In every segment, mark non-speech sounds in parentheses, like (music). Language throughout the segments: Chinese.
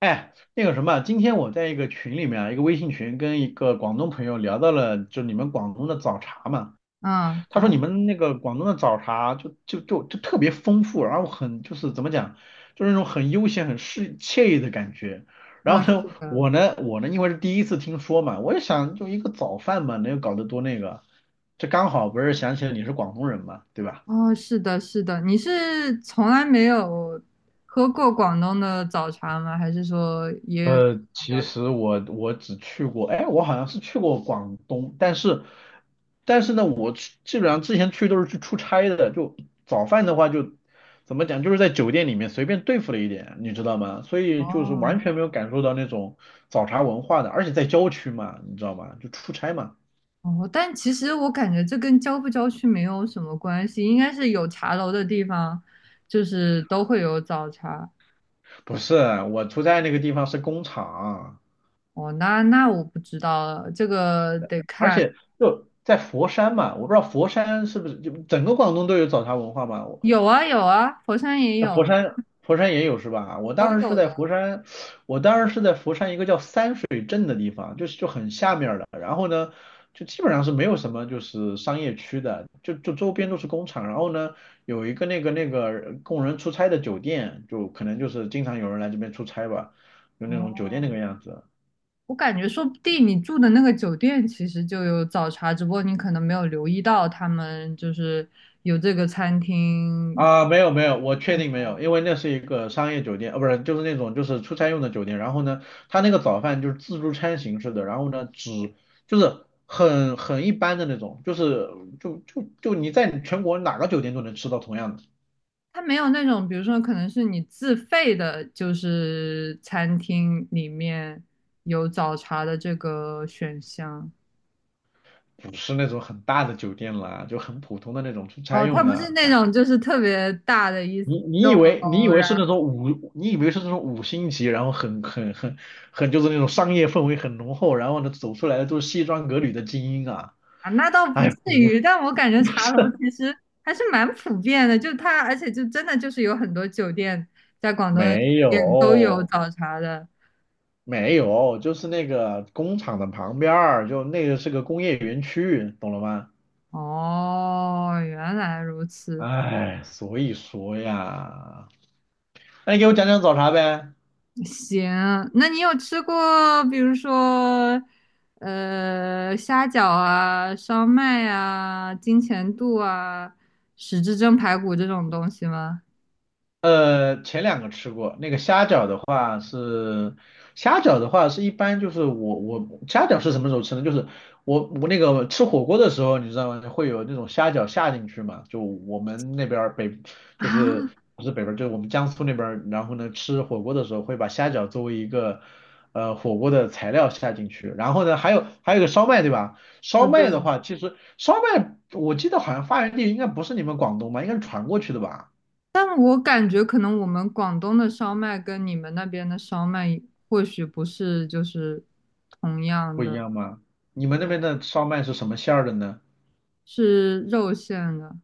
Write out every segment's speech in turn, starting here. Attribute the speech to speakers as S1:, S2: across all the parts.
S1: 哎，那个什么，今天我在一个群里面啊，一个微信群，跟一个广东朋友聊到了，就你们广东的早茶嘛。
S2: 嗯，
S1: 他说
S2: 咋
S1: 你
S2: 了？
S1: 们那个广东的早茶就特别丰富，然后很就是怎么讲，就是那种很悠闲、很适惬意的感觉。然
S2: 啊，
S1: 后呢，
S2: 是的。
S1: 我呢，因为是第一次听说嘛，我也想就一个早饭嘛，能有搞得多那个，这刚好不是想起来你是广东人嘛，对吧？
S2: 哦，是的，是的，你是从来没有喝过广东的早茶吗？还是说也
S1: 其
S2: 了解？
S1: 实我只去过，哎，我好像是去过广东，但是但是呢，我去基本上之前去都是去出差的，就早饭的话就怎么讲，就是在酒店里面随便对付了一点，你知道吗？所以就是
S2: 哦，
S1: 完全没有感受到那种早茶文化的，而且在郊区嘛，你知道吗？就出差嘛，
S2: 哦，但其实我感觉这跟郊不郊区没有什么关系，应该是有茶楼的地方，就是都会有早茶。
S1: 不是，我出差那个地方是工厂，
S2: 哦，那我不知道了，这个得
S1: 而
S2: 看。
S1: 且就在佛山嘛，我不知道佛山是不是就整个广东都有早茶文化嘛？
S2: 有啊有啊，佛山也
S1: 那
S2: 有啊，
S1: 佛山也有是吧？我
S2: 都
S1: 当时是
S2: 有
S1: 在
S2: 的。
S1: 佛山，我当时是在佛山一个叫三水镇的地方，就是就很下面儿的。然后呢，就基本上是没有什么就是商业区的，就周边都是工厂。然后呢，有一个那个供人出差的酒店，就可能就是经常有人来这边出差吧，就那种酒店那
S2: 哦。
S1: 个样子。
S2: 我感觉说不定你住的那个酒店其实就有早茶，只不过你可能没有留意到他们就是有这个餐厅。
S1: 啊，没有没有，我确定没有，
S2: 他
S1: 因为那是一个商业酒店，不是，就是那种就是出差用的酒店。然后呢，他那个早饭就是自助餐形式的，然后呢，只就是很一般的那种，就是就你在全国哪个酒店都能吃到同样的，
S2: 没有那种，比如说可能是你自费的，就是餐厅里面有早茶的这个选项。
S1: 不是那种很大的酒店啦，就很普通的那种出差
S2: 哦，他
S1: 用
S2: 不
S1: 的。
S2: 是那
S1: 啊
S2: 种就是特别大的一
S1: 你你
S2: 栋
S1: 以为你以
S2: 楼。
S1: 为是
S2: 然
S1: 那种五，你以为是那种五星级，然后很就是那种商业氛围很浓厚，然后呢，走出来的都是西装革履的精英啊，
S2: 啊，那倒不
S1: 哎，
S2: 至
S1: 不
S2: 于，但我感觉茶楼其实还是蛮普遍的，就它，而且就真的就是有很多酒店，在广东的酒
S1: 没
S2: 店都有
S1: 有，
S2: 早茶的。
S1: 没有，就是那个工厂的旁边儿，就那个是个工业园区，懂了吗？
S2: 哦，原来如此。
S1: 哎，所以说呀，那你给我讲讲早茶呗。
S2: 行，那你有吃过，比如说，虾饺啊、烧麦啊、金钱肚啊、十字蒸排骨这种东西吗？
S1: 虾饺的话是虾饺的话是一般就是我虾饺是什么时候吃呢？就是我那个吃火锅的时候，你知道吗？会有那种虾饺下进去嘛？就我们那边儿北
S2: (laughs)
S1: 就是
S2: 啊，
S1: 不是北边儿就是我们江苏那边儿然后呢吃火锅的时候会把虾饺作为一个火锅的材料下进去，然后呢还有一个烧麦对吧？烧
S2: 哦，
S1: 麦
S2: 对。
S1: 的话，其实烧麦我记得好像发源地应该不是你们广东吧，应该是传过去的吧？
S2: 但我感觉可能我们广东的烧麦跟你们那边的烧麦或许不是就是同样
S1: 不一
S2: 的。
S1: 样吗？你
S2: 对，
S1: 们那边的烧麦是什么馅儿的呢？
S2: 是肉馅的。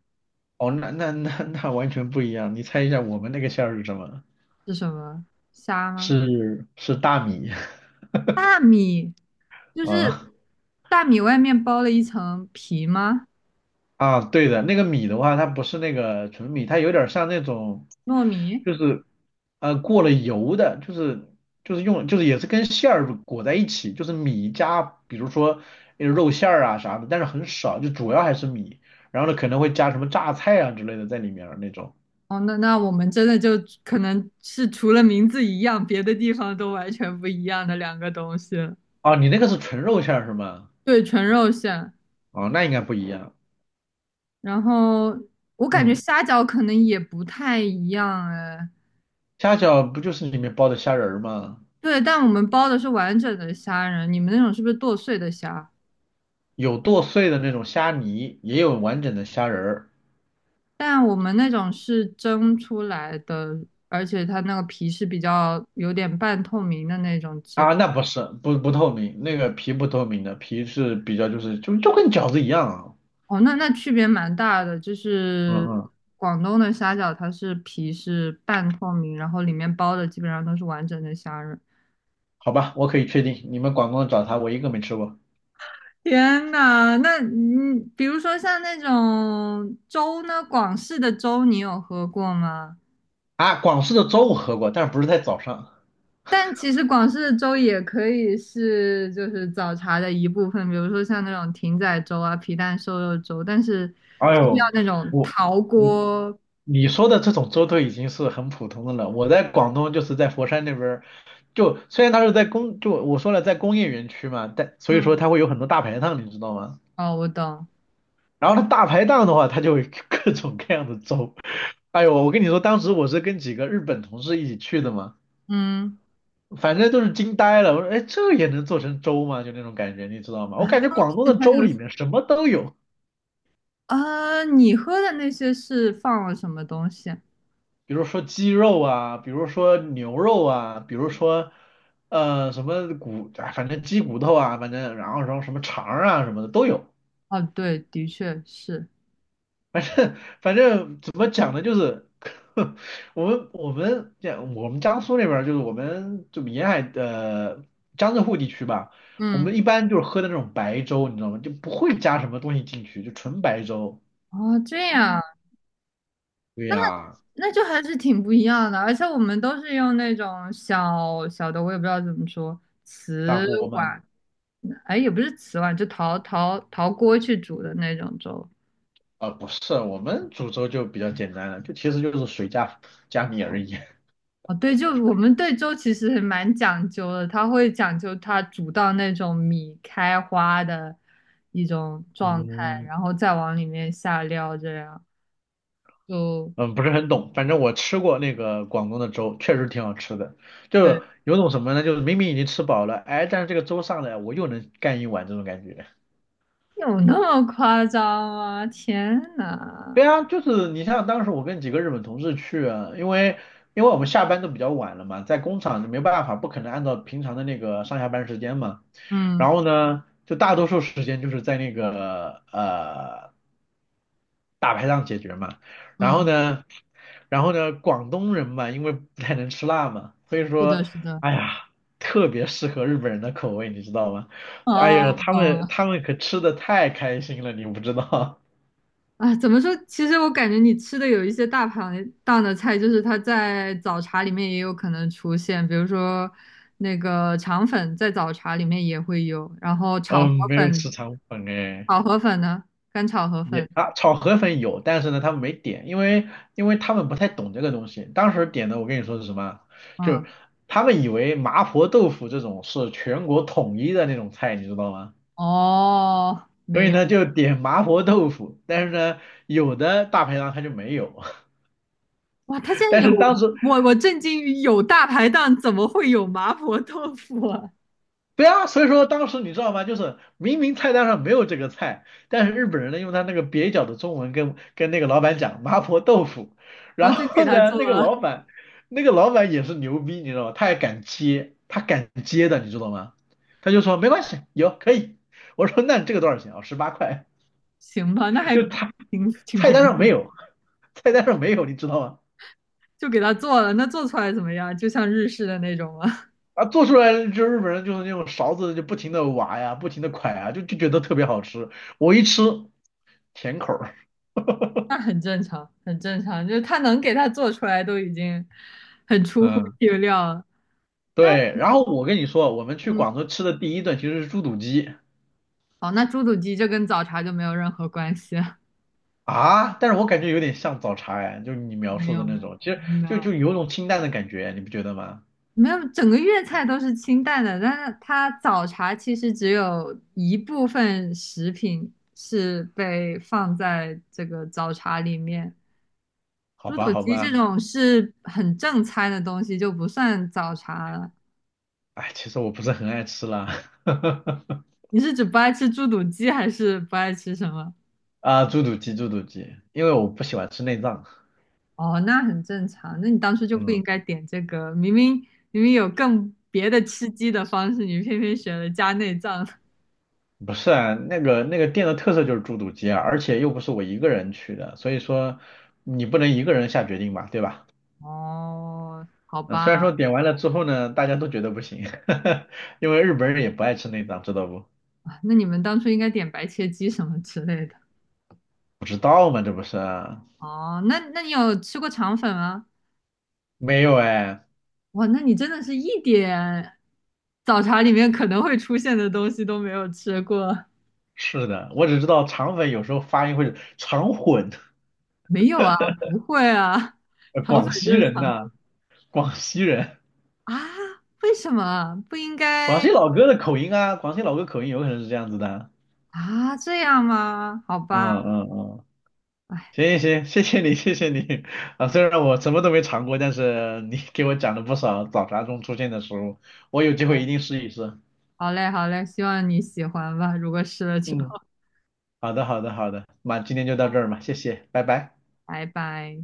S1: 哦，那完全不一样。你猜一下我们那个馅儿是什么？
S2: 是什么？虾吗？
S1: 是大米 (laughs)
S2: 大米，就是
S1: 啊
S2: 大米外面包了一层皮吗？
S1: 啊，对的，那个米的话，它不是那个纯米，它有点像那种，
S2: 糯米？
S1: 就是过了油的，就是就是用就是也是跟馅儿裹在一起，就是米加比如说肉馅儿啊啥的，但是很少，就主要还是米。然后呢，可能会加什么榨菜啊之类的在里面儿那种。
S2: 哦，那那我们真的就可能是除了名字一样，别的地方都完全不一样的两个东西了。
S1: 哦，你那个是纯肉馅儿是吗？
S2: 对，纯肉馅。
S1: 哦，那应该不一样。
S2: 然后我感觉
S1: 嗯，
S2: 虾饺可能也不太一样哎。
S1: 虾饺不就是里面包的虾仁儿吗？
S2: 对，但我们包的是完整的虾仁，你们那种是不是剁碎的虾？
S1: 有剁碎的那种虾泥，也有完整的虾仁儿
S2: 但我们那种是蒸出来的，而且它那个皮是比较有点半透明的那种质
S1: 啊。
S2: 感。
S1: 那不是，不不透明，那个皮不透明的，皮是比较就是就跟饺子一样啊。
S2: 哦，那那区别蛮大的，就
S1: 嗯
S2: 是
S1: 嗯，
S2: 广东的虾饺它是皮是半透明，然后里面包的基本上都是完整的虾仁。
S1: 好吧，我可以确定，你们广东的早茶我一个没吃过
S2: 天呐，那嗯，比如说像那种粥呢，广式的粥你有喝过吗？
S1: 啊。广式的粥我喝过，但是不是在早上。
S2: 但其实广式的粥也可以是就是早茶的一部分，比如说像那种艇仔粥啊、皮蛋瘦肉粥，但是
S1: 哎
S2: 就是要
S1: 呦，
S2: 那种
S1: 我。
S2: 陶
S1: 嗯。
S2: 锅。
S1: 你说的这种粥都已经是很普通的了。我在广东就是在佛山那边儿就虽然它是在工，就我说了在工业园区嘛，但所以说
S2: 嗯，
S1: 它会有很多大排档，你知道吗？
S2: 哦，我懂。
S1: 然后它大排档的话，它就会 (laughs) 各种各样的粥。哎呦，我跟你说，当时我是跟几个日本同事一起去的嘛，
S2: 嗯，
S1: 反正都是惊呆了。我说，哎，这也能做成粥吗？就那种感觉，你知道吗？
S2: 啊，
S1: 我感觉广东
S2: 它
S1: 的
S2: 它
S1: 粥
S2: 有
S1: 里面什么都有。
S2: 呃，啊你喝的那些是放了什么东西啊？
S1: 比如说鸡肉啊，比如说牛肉啊，比如说什么骨，啊反正鸡骨头啊，反正然后什么肠儿啊什么的都有，
S2: 哦，对，的确是。
S1: 反正反正怎么讲呢，就是 (laughs) 我们江苏那边儿就是我们就沿海的江浙沪地区吧，我们
S2: 嗯，
S1: 一般就是喝的那种白粥，你知道吗？就不会加什么东西进去，就纯白粥。
S2: 哦，这样。
S1: 对
S2: 那。
S1: 呀，
S2: 那就还是挺不一样的，而且我们都是用那种小小的，我也不知道怎么说，
S1: 砂
S2: 瓷
S1: 锅吗？
S2: 碗，哎，也不是瓷碗，就陶锅去煮的那种粥。
S1: 啊，不是，我们煮粥就比较简单了，就其实就是水加加米而已。(laughs)
S2: 哦，对，就我们对粥其实还蛮讲究的，它会讲究它煮到那种米开花的一种状态，
S1: 嗯，
S2: 然后再往里面下料，这样就
S1: 嗯，不是很懂，反正我吃过那个广东的粥，确实挺好吃的。就
S2: 对，
S1: 是有种什么呢？就是明明已经吃饱了，哎，但是这个粥上来，我又能干一碗这种感觉。
S2: 有那么夸张吗？天呐，
S1: 对啊，就是你像当时我跟几个日本同事去啊，因为我们下班都比较晚了嘛，在工厂就没办法，不可能按照平常的那个上下班时间嘛。
S2: 嗯
S1: 然后呢，就大多数时间就是在那个大排档解决嘛。然后
S2: 嗯，
S1: 呢，然后呢，广东人嘛，因为不太能吃辣嘛，所以
S2: 是的，
S1: 说，
S2: 是的。
S1: 哎呀，特别适合日本人的口味，你知道吗？哎呀，
S2: 哦，
S1: 他
S2: 懂
S1: 们
S2: 了。
S1: 他们可吃的太开心了，你不知道。(laughs)
S2: 啊，怎么说？其实我感觉你吃的有一些大排档的菜，就是它在早茶里面也有可能出现，比如说那个肠粉在早茶里面也会有，然后炒河
S1: 嗯，没有吃
S2: 粉，
S1: 肠粉哎，
S2: 炒河粉呢，干炒河粉。
S1: 也啊，炒河粉有，但是呢，他们没点，因为他们不太懂这个东西。当时点的，我跟你说是什么？就是
S2: 嗯，
S1: 他们以为麻婆豆腐这种是全国统一的那种菜，你知道吗？
S2: 哦，
S1: 所
S2: 没
S1: 以
S2: 有。
S1: 呢，就点麻婆豆腐，但是呢，有的大排档它就没有。
S2: 哇，它竟
S1: (laughs)
S2: 然
S1: 但是
S2: 有，
S1: 当时
S2: 我震惊于有大排档怎么会有麻婆豆腐啊？
S1: 对啊，所以说当时你知道吗？就是明明菜单上没有这个菜，但是日本人呢用他那个蹩脚的中文跟那个老板讲麻婆豆腐，
S2: 然
S1: 然
S2: 后就给
S1: 后
S2: 他
S1: 呢
S2: 做
S1: 那个老
S2: 了。
S1: 板那个老板也是牛逼，你知道吗？他还敢接，他敢接的，你知道吗？他就说没关系，有可以。我说那这个多少钱啊？十八块，
S2: 行吧，那还
S1: 就他
S2: 挺
S1: 菜
S2: 便
S1: 单上没
S2: 宜。
S1: 有，菜单上没有，你知道吗？
S2: 就给他做了，那做出来怎么样？就像日式的那种吗？
S1: 啊，做出来就日本人就是那种勺子就不停的挖呀，不停的㧟啊，就觉得特别好吃。我一吃甜口儿
S2: 那很正常，很正常，就是他能给他做出来都已经很出乎
S1: 嗯。
S2: 意料了。那
S1: 对，然后我跟你说，我们去
S2: 嗯，
S1: 广州吃的第一顿其实是猪肚鸡
S2: 哦，那猪肚鸡就跟早茶就没有任何关系了。
S1: 啊，但是我感觉有点像早茶哎，就是你描
S2: 没
S1: 述的
S2: 有没
S1: 那
S2: 有
S1: 种，其实
S2: 没
S1: 就
S2: 有
S1: 就有种清淡的感觉，你不觉得吗？
S2: 没有，整个粤菜都是清淡的，但是它早茶其实只有一部分食品是被放在这个早茶里面，
S1: 好
S2: 猪
S1: 吧，
S2: 肚
S1: 好
S2: 鸡这
S1: 吧，
S2: 种是很正餐的东西就不算早茶了。
S1: 哎，其实我不是很爱吃啦，(laughs)
S2: 你是指不爱吃猪肚鸡，还是不爱吃什么？
S1: 啊，猪肚鸡，因为我不喜欢吃内脏，
S2: 哦，那很正常。那你当初就不应
S1: 嗯，
S2: 该点这个，明明有更别的吃鸡的方式，你偏偏选了加内脏。(laughs)
S1: 不是啊，那个店的特色就是猪肚鸡啊，而且又不是我一个人去的，所以说你不能一个人下决定吧，对吧？
S2: 哦，好
S1: 嗯，虽然说
S2: 吧，
S1: 点完了之后呢，大家都觉得不行，(laughs) 因为日本人也不爱吃内脏，知道不？
S2: 啊那你们当初应该点白切鸡什么之类的。
S1: 不知道吗？这不是啊
S2: 哦，那那你有吃过肠粉吗？
S1: 没有哎，
S2: 哇，那你真的是一点早茶里面可能会出现的东西都没有吃过。
S1: 是的，我只知道肠粉有时候发音会肠混，
S2: 没有啊，不会啊，肠粉
S1: 广
S2: 就
S1: 西
S2: 是
S1: 人
S2: 肠
S1: 呐、广西人，
S2: 啊，为什么不应
S1: 广
S2: 该
S1: 西老哥的口音啊，广西老哥口音有可能是这样子的。
S2: 啊？这样吗？好吧。
S1: 嗯嗯嗯，
S2: 哎，
S1: 行行行，谢谢你，谢谢你啊！虽然我什么都没尝过，但是你给我讲了不少早茶中出现的食物，我有机会一定试一试。
S2: 好嘞，好嘞，希望你喜欢吧。如果试了之后，
S1: 嗯。好的，那今天就到这儿嘛，谢谢，拜拜。
S2: 拜拜。